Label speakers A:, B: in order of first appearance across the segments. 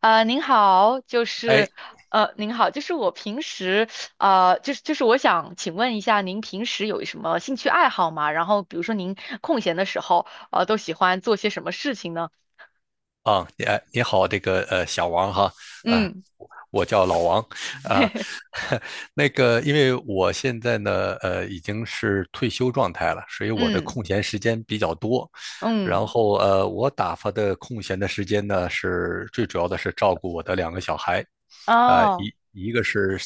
A: 您好，就
B: 哎，
A: 是您好，就是我平时就是我想请问一下，您平时有什么兴趣爱好吗？然后比如说您空闲的时候，都喜欢做些什么事情呢？
B: 啊，你好，这个小王哈。啊，
A: 嗯，
B: 我叫老王啊。那个，因为我现在呢，已经是退休状态了，所以我的
A: 嗯
B: 空闲时间比较多。然
A: 嗯，
B: 后我打发的空闲的时间呢，是最主要的是照顾我的两个小孩。
A: 哦，
B: 一个是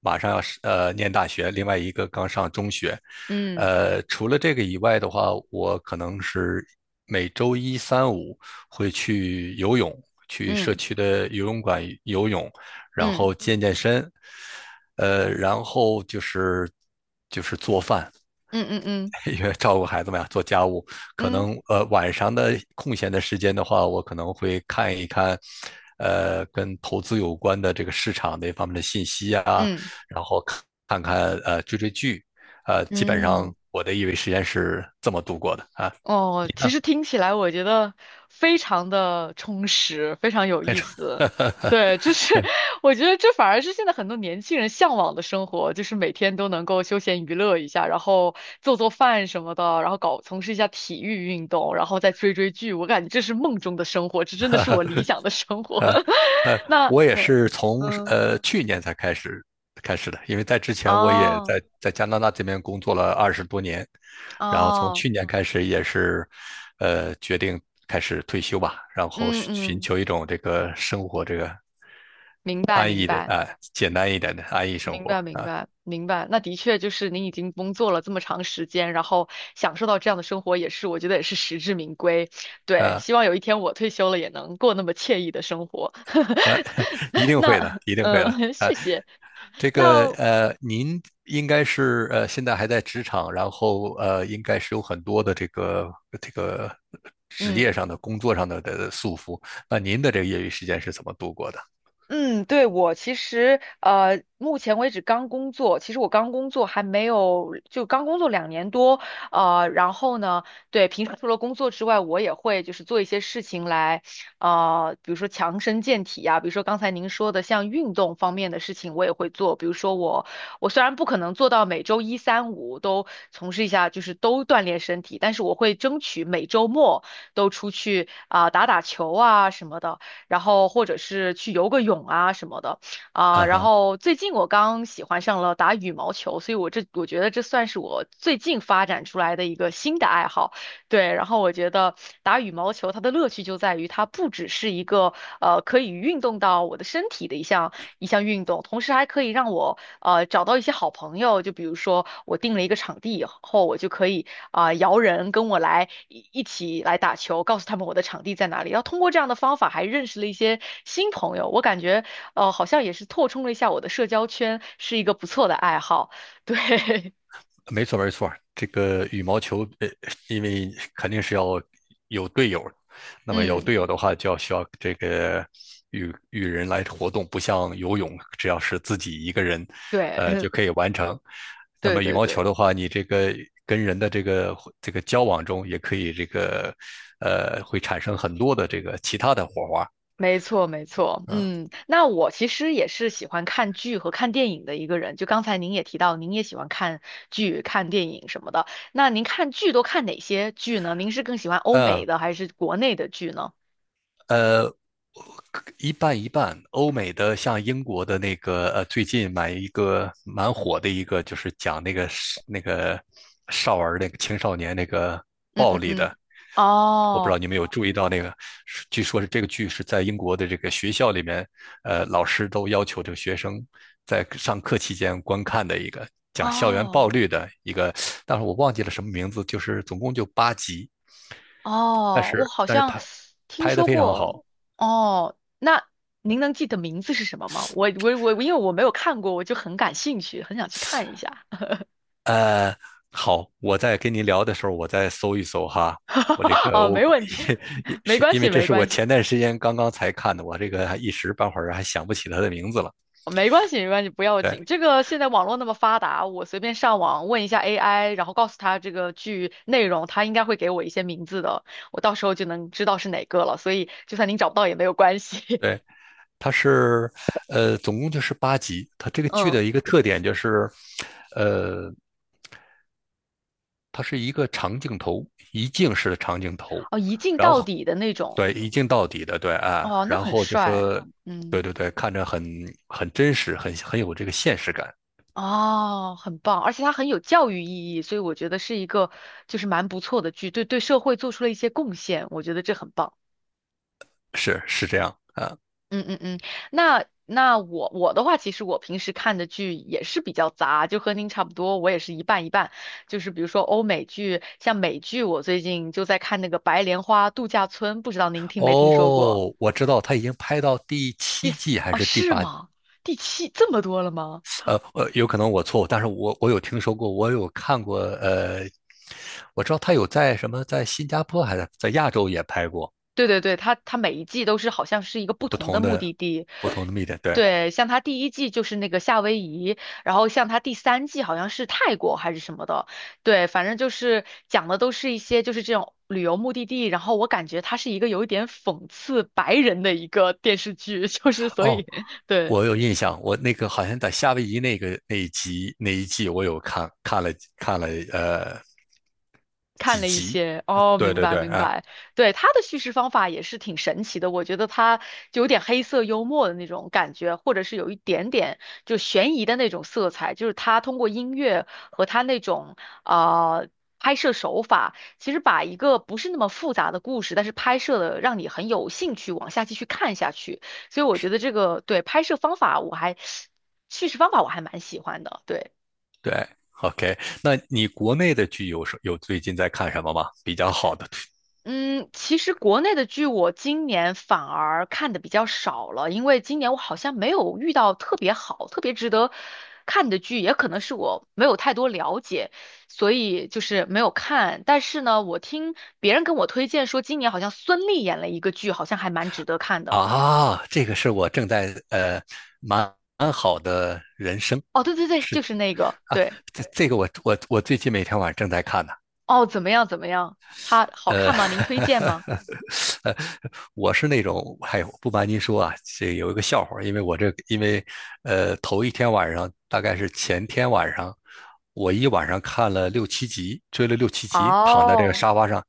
B: 马上要是念大学，另外一个刚上中学。
A: 嗯
B: 除了这个以外的话，我可能是每周一、三、五会去游泳，去社
A: 嗯
B: 区的游泳馆游泳，然
A: 嗯
B: 后健身，然后就是做饭。
A: 嗯嗯嗯
B: 因为照顾孩子们呀，做家务，可
A: 嗯
B: 能晚上的空闲的时间的话，我可能会看一看，跟投资有关的这个市场那方面的信息啊。
A: 嗯嗯。
B: 然后看看追追剧。基本上
A: 嗯。
B: 我的业余时间是这么度过的啊，
A: 哦，其实听起来我觉得非常的充实，非常有
B: 很
A: 意
B: 少。
A: 思。对，就是 我觉得这反而是现在很多年轻人向往的生活，就是每天都能够休闲娱乐一下，然后做做饭什么的，然后搞从事一下体育运动，然后再追追剧。我感觉这是梦中的生活，这真的是我理想的生活。
B: 呃，
A: 那
B: 我也
A: 那
B: 是从
A: 嗯，
B: 去年才开始的，因为在之前我也
A: 哦
B: 在加拿大这边工作了20多年。然后从
A: 哦，
B: 去年开始也是，决定开始退休吧，然后
A: 嗯
B: 寻寻
A: 嗯，
B: 求一种这个生活这个
A: 明白
B: 安
A: 明
B: 逸的
A: 白。
B: 啊，简单一点的安逸生
A: 明
B: 活
A: 白，明白，明白。那的确就是您已经工作了这么长时间，然后享受到这样的生活，也是我觉得也是实至名归。对，
B: 啊。
A: 希望有一天我退休了也能过那么惬意的生活。
B: 一 定会
A: 那，
B: 的，一定会的。
A: 嗯、谢谢。
B: 这个
A: 那，
B: 您应该是现在还在职场，然后应该是有很多的这个职
A: 嗯，
B: 业上的、工作上的的束缚。那您的这个业余时间是怎么度过的？
A: 嗯，对，我其实目前为止刚工作，其实我刚工作还没有，就刚工作两年多，然后呢，对，平时除了工作之外，我也会就是做一些事情来，比如说强身健体啊，比如说刚才您说的像运动方面的事情，我也会做，比如说我虽然不可能做到每周一三五都从事一下，就是都锻炼身体，但是我会争取每周末都出去啊、打打球啊什么的。然后或者是去游个泳啊什么的
B: 啊
A: 啊。然
B: 哈。
A: 后最近我刚喜欢上了打羽毛球，所以我这我觉得这算是我最近发展出来的一个新的爱好。对，然后我觉得打羽毛球它的乐趣就在于它不只是一个可以运动到我的身体的一项运动，同时还可以让我找到一些好朋友。就比如说我定了一个场地以后，我就可以啊、摇人跟我来一起来打球，告诉他们我的场地在哪里。然后通过这样的方法还认识了一些新朋友，我感觉好像也是拓充了一下我的社交圈，是一个不错的爱好。对，
B: 没错，没错，这个羽毛球，因为肯定是要有队友，那么有
A: 嗯，
B: 队友的话，就要需要这个与人来活动，不像游泳，只要是自己一个人，
A: 对，
B: 就 可以完成。那
A: 对
B: 么羽
A: 对
B: 毛
A: 对。
B: 球的话，你这个跟人的这个交往中，也可以这个，会产生很多的这个其他的火花
A: 没错，没错，
B: 啊。
A: 嗯，那我其实也是喜欢看剧和看电影的一个人。就刚才您也提到，您也喜欢看剧、看电影什么的。那您看剧都看哪些剧呢？您是更喜欢欧
B: 嗯，
A: 美的还是国内的剧呢？
B: 呃，一半一半。欧美的像英国的那个，最近买一个蛮火的一个，就是讲那个是那个少儿那个青少年那个。
A: 嗯嗯嗯，
B: 我不知
A: 哦
B: 道你们有注意到那个，是据说是这个剧是在英国的这个学校里面，老师都要求这个学生在上课期间观看的一个讲校园暴
A: 哦
B: 力的一个。但是我忘记了什么名字，就是总共就八集，
A: 哦，我好
B: 但是
A: 像
B: 拍
A: 听
B: 拍的
A: 说
B: 非常
A: 过。
B: 好。
A: 哦，那您能记得名字是什么吗？我，因为我没有看过，我就很感兴趣，很想去看一下。
B: 呃，好，我在跟您聊的时候，我再搜一搜哈。我这 个
A: 哦，
B: 我
A: 没问题，
B: 也也
A: 没
B: 是
A: 关
B: 因为
A: 系，
B: 这
A: 没
B: 是我
A: 关系。
B: 前段时间刚刚才看的，我这个还一时半会儿还想不起他的名字了。
A: 没关系，没关系，不要
B: 对
A: 紧。这个现在网络那么发达，我随便上网问一下 AI，然后告诉他这个剧内容，他应该会给我一些名字的，我到时候就能知道是哪个了。所以就算您找不到也没有关系。
B: 对，他是总共就是八集。他这个 剧
A: 嗯，
B: 的一个特点就是，呃，它是一个长镜头，一镜式的长镜头。
A: 哦，一镜
B: 然
A: 到
B: 后
A: 底的那种，
B: 对一镜到底的，对啊，
A: 哦，那
B: 然
A: 很
B: 后就
A: 帅。
B: 说，对
A: 嗯，
B: 对对，看着很真实，很有这个现实感。
A: 哦，很棒，而且它很有教育意义，所以我觉得是一个就是蛮不错的剧，对对社会做出了一些贡献，我觉得这很棒。
B: 是是这样啊。
A: 嗯嗯嗯，那我的话，其实我平时看的剧也是比较杂，就和您差不多，我也是一半一半。就是比如说欧美剧，像美剧，我最近就在看那个《白莲花度假村》，不知道您听没听说过？
B: 哦，我知道他已经拍到第
A: 第
B: 七
A: 四，
B: 季还
A: 哦，
B: 是第
A: 是
B: 八季，
A: 吗？第七，这么多了吗？
B: 有可能我错误，但是我有听说过，我有看过。我知道他有在什么在新加坡还是在亚洲也拍过
A: 对对对，它它每一季都是好像是一个不同的目的地。
B: 不同的 media，对，
A: 对，像它第一季就是那个夏威夷，然后像它第三季好像是泰国还是什么的。对，反正就是讲的都是一些就是这种旅游目的地。然后我感觉它是一个有一点讽刺白人的一个电视剧，就是所
B: 哦。
A: 以 对。
B: 我有印象，我那个好像在夏威夷那个那一集那一季，我有看了呃
A: 看
B: 几
A: 了一
B: 集。
A: 些，哦，
B: 对
A: 明
B: 对
A: 白
B: 对，
A: 明
B: 啊、
A: 白，对，他的叙事方法也是挺神奇的，我觉得他就有点黑色幽默的那种感觉，或者是有一点点就悬疑的那种色彩，就是他通过音乐和他那种呃拍摄手法，其实把一个不是那么复杂的故事，但是拍摄的让你很有兴趣往下继续看下去，所以我觉得这个对拍摄方法我还 叙事方法我还蛮喜欢的，对。
B: 对，OK。那你国内的剧有最近在看什么吗？比较好的剧
A: 嗯，其实国内的剧我今年反而看的比较少了，因为今年我好像没有遇到特别好、特别值得看的剧，也可能是我没有太多了解，所以就是没有看。但是呢，我听别人跟我推荐说，今年好像孙俪演了一个剧，好像还蛮值得看的。
B: 啊。这个是我正在蛮好的人生。
A: 哦，对对对，
B: 是
A: 就是那个，
B: 啊，
A: 对，
B: 这个我最近每天晚上正在看呢。
A: 哦，怎么样怎么样？它好
B: 呃，
A: 看吗？您推荐吗？
B: 呃，我是那种，哎呦，不瞒您说啊，这有一个笑话儿。因为我这，因为，头一天晚上，大概是前天晚上，我一晚上看了六七集，追了六七集，躺在这个
A: 哦。
B: 沙发上，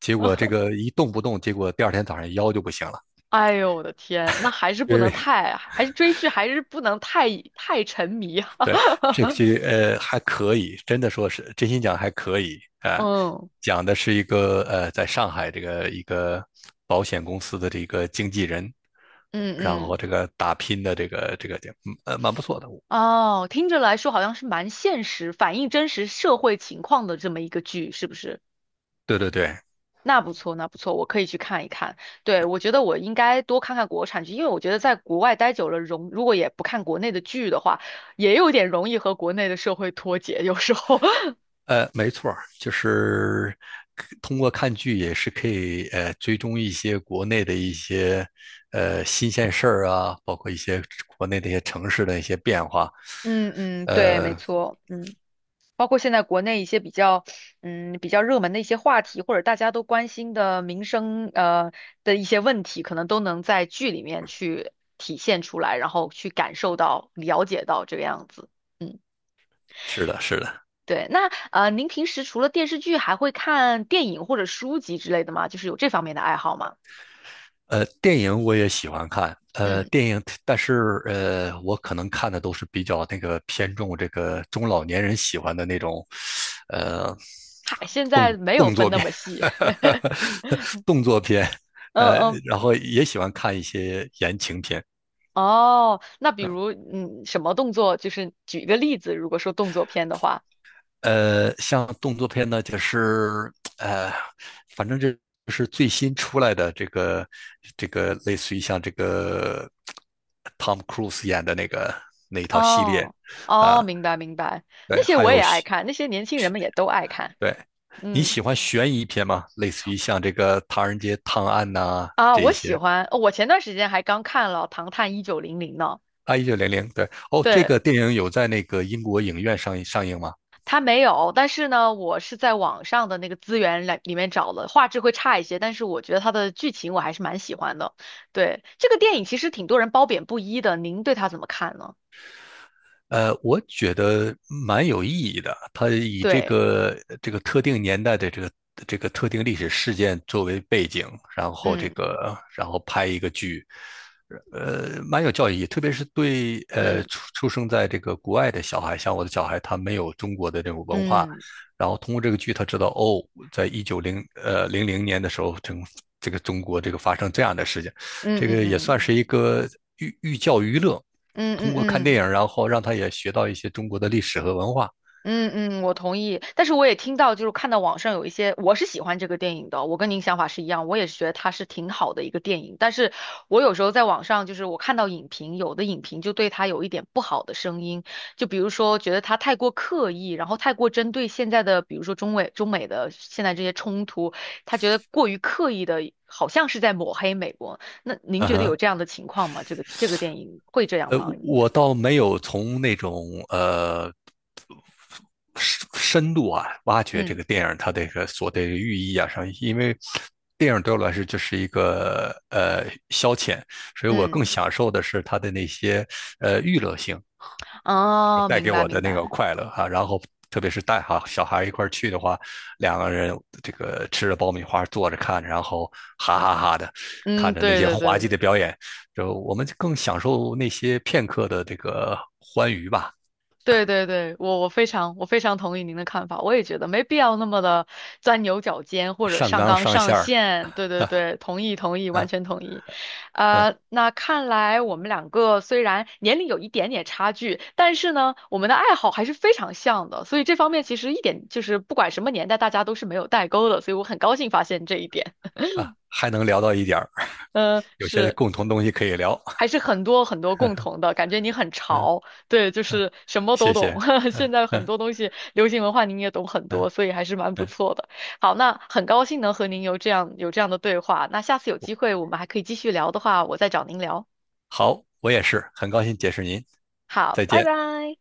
B: 结果这个一动不动，结果第二天早上腰就不行了。
A: 哎呦我的天，那还是不
B: 因
A: 能
B: 为
A: 太，还是追剧还是不能太太沉迷哈。
B: 对，这个剧还可以，真的说是真心讲还可以啊、
A: 嗯
B: 讲的是一个在上海这个一个保险公司的这个经纪人，
A: 嗯
B: 然
A: 嗯，
B: 后这个打拼的这个点，蛮不错的。
A: 哦，听着来说好像是蛮现实，反映真实社会情况的这么一个剧，是不是？
B: 对对对，
A: 那不错，那不错，我可以去看一看。对，我觉得我应该多看看国产剧，因为我觉得在国外待久了，容如果也不看国内的剧的话，也有点容易和国内的社会脱节，有时候。
B: 没错儿，就是通过看剧也是可以追踪一些国内的一些新鲜事儿啊，包括一些国内的一些城市的一些变化。
A: 嗯嗯，对，没
B: 呃，
A: 错，嗯。包括现在国内一些比较，嗯，比较热门的一些话题，或者大家都关心的民生，的一些问题，可能都能在剧里面去体现出来，然后去感受到、了解到这个样子。嗯，
B: 是的，是的。
A: 对。那您平时除了电视剧，还会看电影或者书籍之类的吗？就是有这方面的爱好吗？
B: 电影我也喜欢看，
A: 嗯，
B: 电影，但是我可能看的都是比较那个偏重这个中老年人喜欢的那种。呃，
A: 嗨，现在没有
B: 动作
A: 分那
B: 片，
A: 么细。
B: 动作片，
A: 嗯
B: 呃，
A: 嗯。
B: 然后也喜欢看一些言情片。
A: 哦，那比如，嗯，什么动作？就是举一个例子，如果说动作片的话。
B: 像动作片呢，就是呃，反正这是最新出来的这个类似于像这个 Tom Cruise 演的那个那一套系列。
A: 哦哦，
B: 啊，
A: 明白明白，
B: 对，
A: 那些
B: 还
A: 我也
B: 有
A: 爱
B: 喜
A: 看，那些年轻人们也都爱看。
B: 对，你
A: 嗯
B: 喜欢悬疑片吗？类似于像这个《唐人街探案》呐
A: 啊，
B: 这
A: 我
B: 一些。
A: 喜欢，我前段时间还刚看了《唐探一九零零》呢。
B: 啊，1900，对，哦，这
A: 对，
B: 个电影有在那个英国影院上映吗？
A: 他没有，但是呢，我是在网上的那个资源来里面找了，画质会差一些，但是我觉得他的剧情我还是蛮喜欢的。对，这个电影其实挺多人褒贬不一的，您对他怎么看呢？
B: 我觉得蛮有意义的。他以这
A: 对，
B: 个这个特定年代的这个特定历史事件作为背景，然后这个然后拍一个剧。蛮有教育意义。特别是对
A: 嗯
B: 出生在这个国外的小孩，像我的小孩，他没有中国的这种文化，
A: 嗯
B: 然后通过这个剧，他知道哦，在一九零零零年的时候，整这个中国这个发生这样的事情。
A: 嗯
B: 这
A: 嗯
B: 个也
A: 嗯
B: 算
A: 嗯
B: 是一个寓教于乐。
A: 嗯嗯
B: 通过看
A: 嗯
B: 电
A: 嗯。
B: 影，然后让他也学到一些中国的历史和文化。
A: 嗯嗯，我同意。但是我也听到，就是看到网上有一些，我是喜欢这个电影的，我跟您想法是一样，我也是觉得它是挺好的一个电影。但是我有时候在网上，就是我看到影评，有的影评就对它有一点不好的声音，就比如说觉得它太过刻意，然后太过针对现在的，比如说中美的现在这些冲突，他觉得过于刻意的，好像是在抹黑美国。那您
B: 嗯
A: 觉得有
B: 哼，
A: 这样的情况吗？这个电影会这样吗？您觉
B: 我
A: 得？
B: 倒没有从那种深度啊挖掘这
A: 嗯
B: 个电影它这个所的寓意啊上。因为电影对我来说就是一个消遣，所以我更
A: 嗯，
B: 享受的是它的那些娱乐性。
A: 哦，
B: 带
A: 明
B: 给
A: 白
B: 我的
A: 明
B: 那个
A: 白。
B: 快乐啊，然后特别是带哈小孩一块去的话，两个人这个吃着爆米花坐着看，然后哈哈哈的
A: 嗯，
B: 看着那
A: 对
B: 些
A: 对
B: 滑稽
A: 对
B: 的表演，就我们更享受那些片刻的这个欢愉吧。
A: 对对对，我非常我非常同意您的看法，我也觉得没必要那么的钻牛角尖或者
B: 上
A: 上
B: 纲
A: 纲
B: 上
A: 上
B: 线儿。
A: 线。对对对，同意同意，完
B: 嗯
A: 全同意。
B: 嗯
A: 那看来我们两个虽然年龄有一点点差距，但是呢，我们的爱好还是非常像的，所以这方面其实一点就是不管什么年代，大家都是没有代沟的，所以我很高兴发现这一点。
B: 啊，还能聊到一点儿，
A: 嗯，
B: 有些
A: 是。
B: 共同东西可以聊。
A: 还是很多很多共同的，感觉你很
B: 嗯，
A: 潮，对，就
B: 嗯
A: 是什么都
B: 谢谢。
A: 懂。
B: 嗯
A: 现在很
B: 嗯
A: 多东西，流行文化您也懂很
B: 嗯
A: 多，所以还是蛮不
B: 嗯。
A: 错的。好，那很高兴能和您有这样的对话。那下次有机会我们还可以继续聊的话，我再找您聊。
B: 好，我也是很高兴结识您，
A: 好，
B: 再
A: 拜
B: 见。
A: 拜。